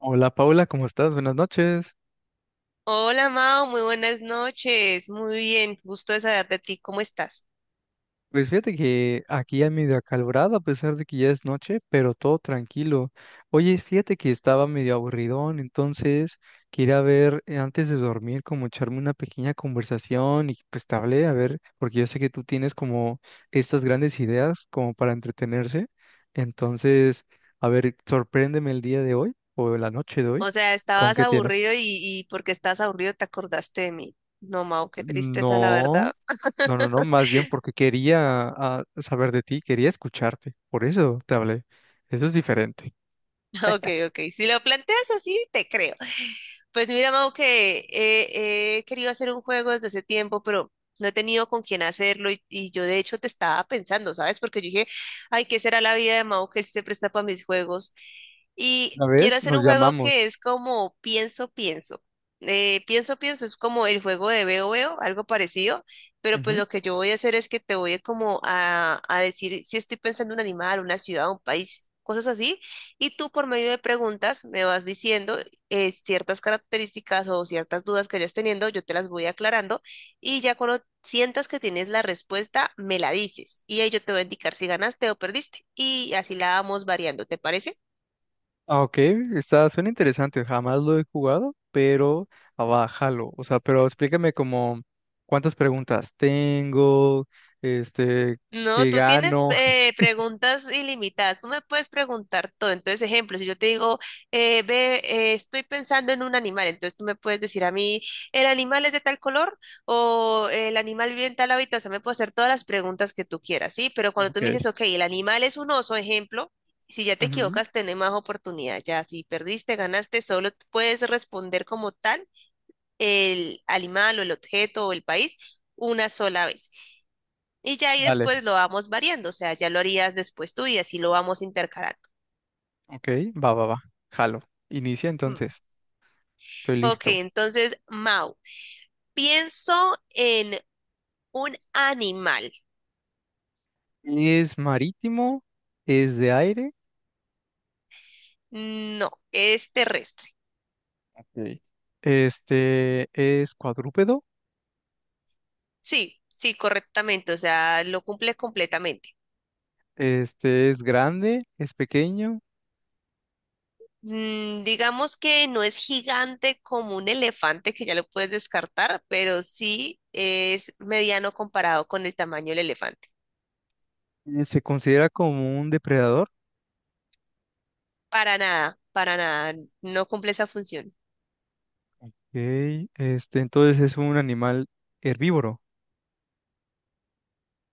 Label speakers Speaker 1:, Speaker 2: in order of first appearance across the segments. Speaker 1: Hola Paula, ¿cómo estás? Buenas noches.
Speaker 2: Hola Mao, muy buenas noches. Muy bien, gusto de saber de ti. ¿Cómo estás?
Speaker 1: Pues fíjate que aquí ya medio acalorado a pesar de que ya es noche, pero todo tranquilo. Oye, fíjate que estaba medio aburridón, entonces quería ver antes de dormir como echarme una pequeña conversación y pues te hablé, a ver, porque yo sé que tú tienes como estas grandes ideas como para entretenerse. Entonces, a ver, sorpréndeme el día de hoy o la noche de hoy.
Speaker 2: O sea,
Speaker 1: ¿Con
Speaker 2: estabas
Speaker 1: qué tienes?
Speaker 2: aburrido y porque estabas aburrido te acordaste de mí. No, Mao, qué tristeza, la
Speaker 1: No.
Speaker 2: verdad.
Speaker 1: No, no, no, más bien porque quería saber de ti, quería escucharte, por eso te hablé. Eso es diferente.
Speaker 2: Ok, ok. Si lo planteas así, te creo. Pues mira, Mau, que he querido hacer un juego desde hace tiempo, pero no he tenido con quién hacerlo y yo de hecho te estaba pensando, ¿sabes? Porque yo dije, ay, ¿qué será la vida de Mau que él se presta para mis juegos? Y
Speaker 1: Una
Speaker 2: quiero
Speaker 1: vez
Speaker 2: hacer
Speaker 1: nos
Speaker 2: un juego que
Speaker 1: llamamos.
Speaker 2: es como pienso, pienso. Pienso, pienso es como el juego de veo, veo, algo parecido, pero pues
Speaker 1: Ujú.
Speaker 2: lo que yo voy a hacer es que te voy a como a decir si estoy pensando en un animal, una ciudad, un país, cosas así, y tú por medio de preguntas me vas diciendo ciertas características o ciertas dudas que vayas teniendo, yo te las voy aclarando y ya cuando sientas que tienes la respuesta, me la dices y ahí yo te voy a indicar si ganaste o perdiste y así la vamos variando, ¿te parece?
Speaker 1: Ah, ok, está, suena interesante, jamás lo he jugado, pero abájalo. O sea, pero explícame como cuántas preguntas tengo, este,
Speaker 2: No,
Speaker 1: qué
Speaker 2: tú tienes
Speaker 1: gano. Sí, sí.
Speaker 2: preguntas ilimitadas. Tú me puedes preguntar todo. Entonces, ejemplo, si yo te digo, estoy pensando en un animal, entonces tú me puedes decir a mí, ¿el animal es de tal color? O el animal vive en tal hábitat. O sea, me puedo hacer todas las preguntas que tú quieras, ¿sí? Pero cuando tú
Speaker 1: Ok,
Speaker 2: me dices, ok, el animal es un oso, ejemplo, si ya te
Speaker 1: ujú.
Speaker 2: equivocas, tenés más oportunidad. Ya, si perdiste, ganaste, solo puedes responder como tal el animal o el objeto o el país una sola vez. Y ya ahí
Speaker 1: Vale,
Speaker 2: después lo vamos variando, o sea, ya lo harías después tú y así lo vamos intercalando.
Speaker 1: ok, va, va, va, jalo. Inicia
Speaker 2: Mm.
Speaker 1: entonces, estoy
Speaker 2: Ok,
Speaker 1: listo.
Speaker 2: entonces, Mau, pienso en un animal.
Speaker 1: ¿Es marítimo? ¿Es de aire?
Speaker 2: No, es terrestre.
Speaker 1: Ok. Este es cuadrúpedo,
Speaker 2: Sí, sí, correctamente, o sea, lo cumple completamente.
Speaker 1: este es grande, es pequeño,
Speaker 2: Mm, digamos que no es gigante como un elefante, que ya lo puedes descartar, pero sí es mediano comparado con el tamaño del elefante.
Speaker 1: se considera como un depredador,
Speaker 2: Para nada, no cumple esa función.
Speaker 1: ok. Este, entonces es un animal herbívoro,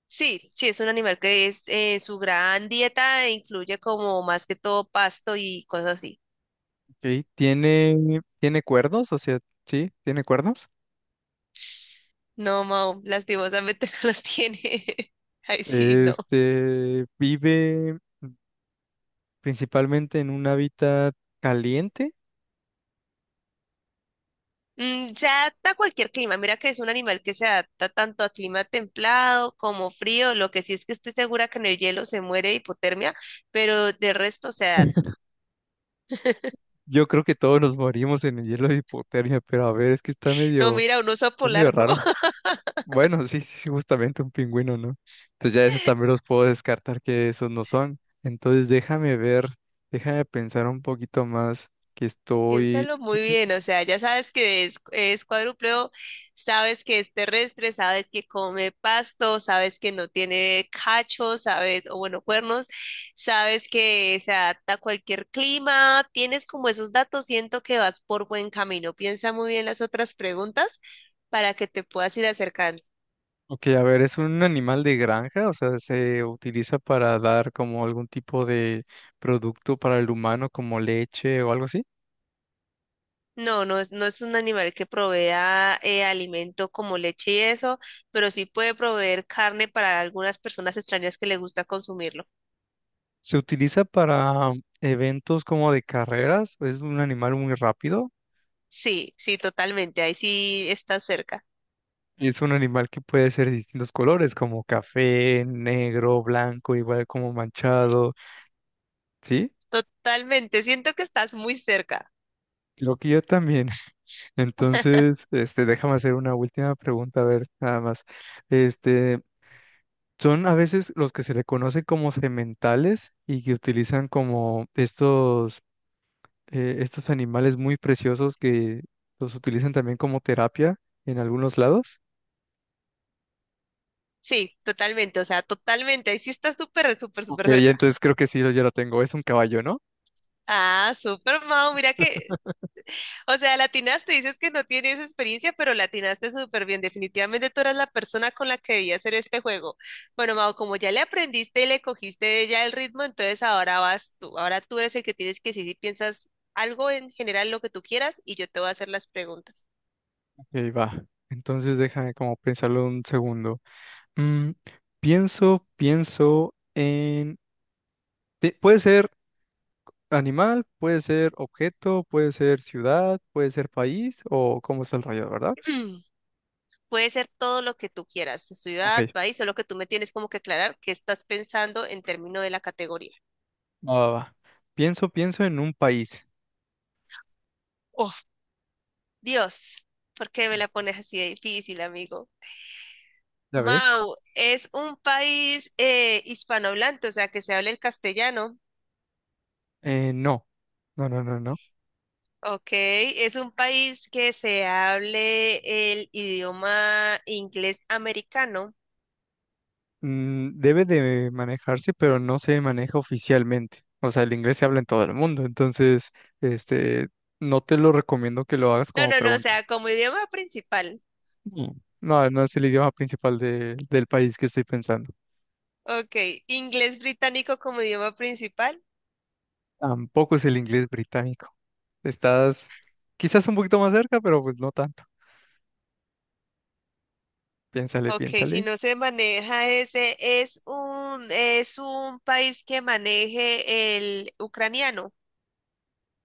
Speaker 2: Sí, sí, es un animal que es su gran dieta e incluye como más que todo pasto y cosas así.
Speaker 1: ok. Tiene, tiene cuernos, o sea, sí, tiene cuernos.
Speaker 2: No, Mau, lastimosamente no los tiene. Ay, sí, no.
Speaker 1: Este, vive principalmente en un hábitat caliente.
Speaker 2: Mm, se adapta a cualquier clima. Mira que es un animal que se adapta tanto a clima templado como frío. Lo que sí es que estoy segura que en el hielo se muere de hipotermia, pero de resto se adapta.
Speaker 1: Yo creo que todos nos morimos en el hielo de hipotermia, pero a ver, es que
Speaker 2: No, mira, un oso
Speaker 1: está medio
Speaker 2: polar, ¿no?
Speaker 1: raro. Bueno, sí, sí, sí, justamente un pingüino, ¿no? Entonces ya eso también los puedo descartar que esos no son. Entonces déjame ver, déjame pensar un poquito más que estoy...
Speaker 2: Piénsalo muy bien, o sea, ya sabes que es cuadrúpedo, sabes que es terrestre, sabes que come pasto, sabes que no tiene cachos, sabes, o bueno, cuernos, sabes que se adapta a cualquier clima, tienes como esos datos, siento que vas por buen camino. Piensa muy bien las otras preguntas para que te puedas ir acercando.
Speaker 1: Ok, a ver, es un animal de granja, o sea, se utiliza para dar como algún tipo de producto para el humano, como leche o algo así.
Speaker 2: No es un animal que provea alimento como leche y eso, pero sí puede proveer carne para algunas personas extrañas que le gusta consumirlo.
Speaker 1: Se utiliza para eventos como de carreras, es un animal muy rápido.
Speaker 2: Sí, sí, totalmente. Ahí sí estás cerca.
Speaker 1: Y es un animal que puede ser de distintos colores, como café, negro, blanco, igual como manchado, ¿sí?
Speaker 2: Totalmente. Siento que estás muy cerca.
Speaker 1: Creo que yo también. Entonces, este, déjame hacer una última pregunta, a ver, nada más. Este, son a veces los que se le conocen como sementales y que utilizan como estos animales muy preciosos que los utilizan también como terapia en algunos lados.
Speaker 2: Sí, totalmente. O sea, totalmente. Ahí sí estás súper, súper,
Speaker 1: Ok,
Speaker 2: súper
Speaker 1: ya
Speaker 2: cerca.
Speaker 1: entonces creo que sí, yo ya lo tengo. Es un caballo, ¿no?
Speaker 2: Ah, súper, Mau. Mira que, o sea, latinaste. Dices que no tienes experiencia, pero latinaste súper bien. Definitivamente tú eras la persona con la que debía hacer este juego. Bueno, Mau, como ya le aprendiste y le cogiste ya el ritmo, entonces ahora vas tú. Ahora tú eres el que tienes que decir si piensas algo en general, lo que tú quieras, y yo te voy a hacer las preguntas.
Speaker 1: Y ahí va. Entonces déjame como pensarlo un segundo. Mm, pienso, pienso en... Puede ser animal, puede ser objeto, puede ser ciudad, puede ser país o cómo está el rayo, ¿verdad?
Speaker 2: Puede ser todo lo que tú quieras,
Speaker 1: Ok,
Speaker 2: ciudad, país, solo que tú me tienes como que aclarar qué estás pensando en términos de la categoría.
Speaker 1: va, va, va. Pienso, pienso en un país.
Speaker 2: Oh, Dios, ¿por qué me la pones así de difícil, amigo?
Speaker 1: ¿Ya ves?
Speaker 2: Mau, es un país hispanohablante, o sea, que se hable el castellano.
Speaker 1: No, no, no, no, no.
Speaker 2: Ok, es un país que se hable el idioma inglés americano.
Speaker 1: Mm, debe de manejarse, pero no se maneja oficialmente. O sea, el inglés se habla en todo el mundo, entonces, este, no te lo recomiendo que lo hagas
Speaker 2: No,
Speaker 1: como
Speaker 2: no, no, o
Speaker 1: pregunta.
Speaker 2: sea, como idioma principal.
Speaker 1: Mm. No, no es el idioma principal del país que estoy pensando.
Speaker 2: Ok, inglés británico como idioma principal.
Speaker 1: Tampoco es el inglés británico. Estás quizás un poquito más cerca, pero pues no tanto. Piénsale,
Speaker 2: Ok, si
Speaker 1: piénsale.
Speaker 2: no se maneja ese, es un país que maneje el ucraniano.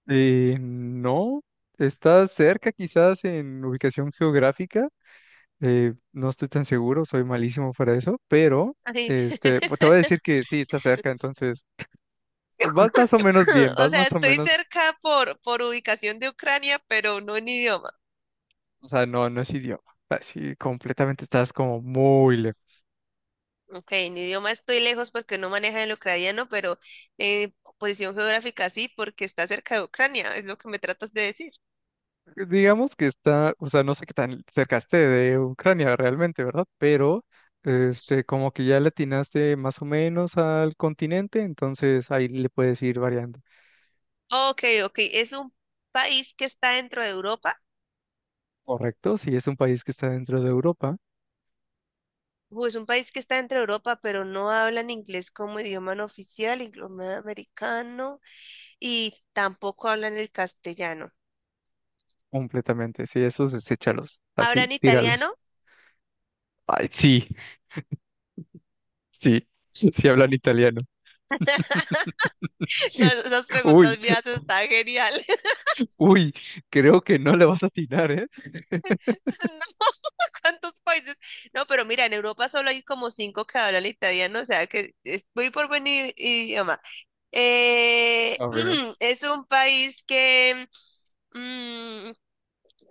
Speaker 1: No, estás cerca quizás en ubicación geográfica. Eh, no estoy tan seguro, soy malísimo para eso, pero
Speaker 2: Ay,
Speaker 1: pues, te voy a decir que sí, está cerca, entonces vas más o menos bien,
Speaker 2: O
Speaker 1: vas
Speaker 2: sea,
Speaker 1: más o
Speaker 2: estoy
Speaker 1: menos,
Speaker 2: cerca por ubicación de Ucrania, pero no en idioma.
Speaker 1: o sea, no, no es idioma. Así completamente estás como muy lejos.
Speaker 2: Ok, en idioma estoy lejos porque no maneja el ucraniano, pero en posición geográfica sí, porque está cerca de Ucrania, es lo que me tratas de decir.
Speaker 1: Digamos que está, o sea, no sé qué tan cerca esté de Ucrania realmente, ¿verdad? Pero, como que ya le atinaste más o menos al continente, entonces ahí le puedes ir variando.
Speaker 2: Ok, ok, es un país que está dentro de Europa.
Speaker 1: Correcto, si es un país que está dentro de Europa,
Speaker 2: Es un país que está dentro de Europa, pero no hablan inglés como idioma no oficial, idioma americano, y tampoco hablan el castellano.
Speaker 1: completamente. Si esos, deséchalos, así,
Speaker 2: ¿Hablan
Speaker 1: tíralos.
Speaker 2: italiano?
Speaker 1: Ay, sí, sí, sí hablan italiano.
Speaker 2: No, esas
Speaker 1: Uy,
Speaker 2: preguntas mías están geniales.
Speaker 1: uy, creo que no le vas a atinar, ¿eh?
Speaker 2: No, ¿cuántos países? No, pero mira, en Europa solo hay como cinco que hablan italiano, o sea que es muy por buen idioma. Eh,
Speaker 1: A ver.
Speaker 2: es un país mm,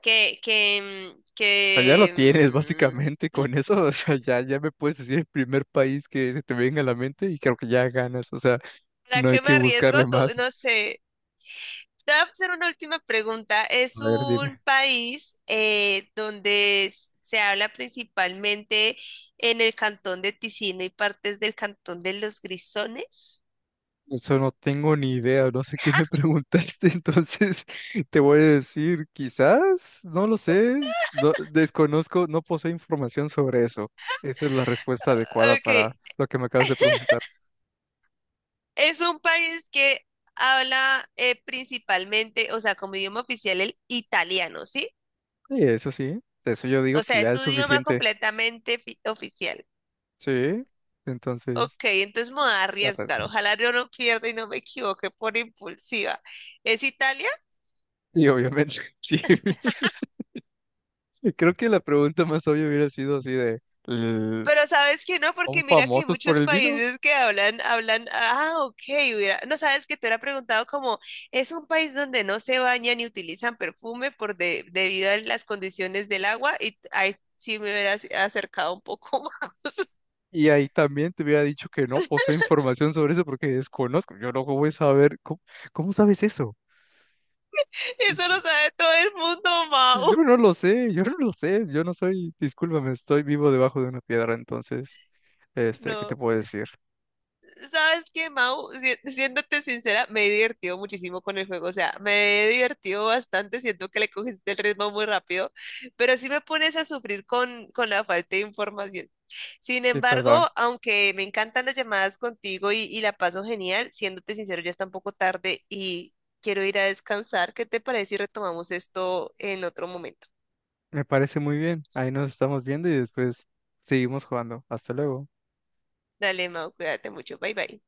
Speaker 2: que, que, mm,
Speaker 1: O sea, ya lo
Speaker 2: que,
Speaker 1: tienes
Speaker 2: mm,
Speaker 1: básicamente con eso, o sea, ya, ya me puedes decir el primer país que se te venga a la mente y creo que ya ganas, o sea,
Speaker 2: ¿para
Speaker 1: no hay
Speaker 2: qué me
Speaker 1: que
Speaker 2: arriesgo
Speaker 1: buscarle
Speaker 2: tú?
Speaker 1: más.
Speaker 2: No sé. Te voy a hacer una última pregunta.
Speaker 1: A
Speaker 2: Es
Speaker 1: ver,
Speaker 2: un
Speaker 1: dime.
Speaker 2: país donde se habla principalmente en el cantón de Ticino y partes del cantón de los Grisones.
Speaker 1: Eso no tengo ni idea, no sé qué me preguntaste, entonces te voy a decir, quizás, no lo sé, no, desconozco, no poseo información sobre eso. Esa es la respuesta adecuada
Speaker 2: Ok,
Speaker 1: para lo que me acabas de preguntar.
Speaker 2: es un país que habla principalmente, o sea, como idioma oficial el italiano, ¿sí?
Speaker 1: Sí, eso yo digo
Speaker 2: O
Speaker 1: que
Speaker 2: sea, es
Speaker 1: ya
Speaker 2: su
Speaker 1: es
Speaker 2: idioma
Speaker 1: suficiente.
Speaker 2: completamente oficial.
Speaker 1: Sí, entonces,
Speaker 2: Ok, entonces me voy a
Speaker 1: la res-
Speaker 2: arriesgar. Ojalá yo no pierda y no me equivoque por impulsiva. ¿Es Italia?
Speaker 1: Y obviamente, sí. Y creo que la pregunta más obvia hubiera sido así de, eh,
Speaker 2: Pero sabes que no,
Speaker 1: ¿son
Speaker 2: porque mira que hay
Speaker 1: famosos por
Speaker 2: muchos
Speaker 1: el vino?
Speaker 2: países que ah, ok, no sabes que te hubiera preguntado como, es un país donde no se bañan ni utilizan perfume por debido a las condiciones del agua y ahí sí me hubieras acercado un poco más.
Speaker 1: Y ahí también te hubiera dicho que no poseo información sobre eso porque desconozco. Yo no voy a saber, ¿cómo, cómo sabes eso?
Speaker 2: Eso lo sabe todo el mundo,
Speaker 1: Yo
Speaker 2: Mau.
Speaker 1: no lo sé, yo no lo sé, yo no soy, discúlpame, estoy vivo debajo de una piedra, entonces, ¿qué te
Speaker 2: No.
Speaker 1: puedo decir?
Speaker 2: ¿Sabes qué, Mau? Siéndote sincera, me he divertido muchísimo con el juego, o sea, me he divertido bastante, siento que le cogiste el ritmo muy rápido, pero sí me pones a sufrir con la falta de información. Sin
Speaker 1: Y
Speaker 2: embargo,
Speaker 1: perdón,
Speaker 2: aunque me encantan las llamadas contigo y la paso genial, siéndote sincero, ya está un poco tarde y quiero ir a descansar. ¿Qué te parece si retomamos esto en otro momento?
Speaker 1: me parece muy bien, ahí nos estamos viendo y después seguimos jugando. Hasta luego.
Speaker 2: Dale, Mau, cuídate mucho, bye bye.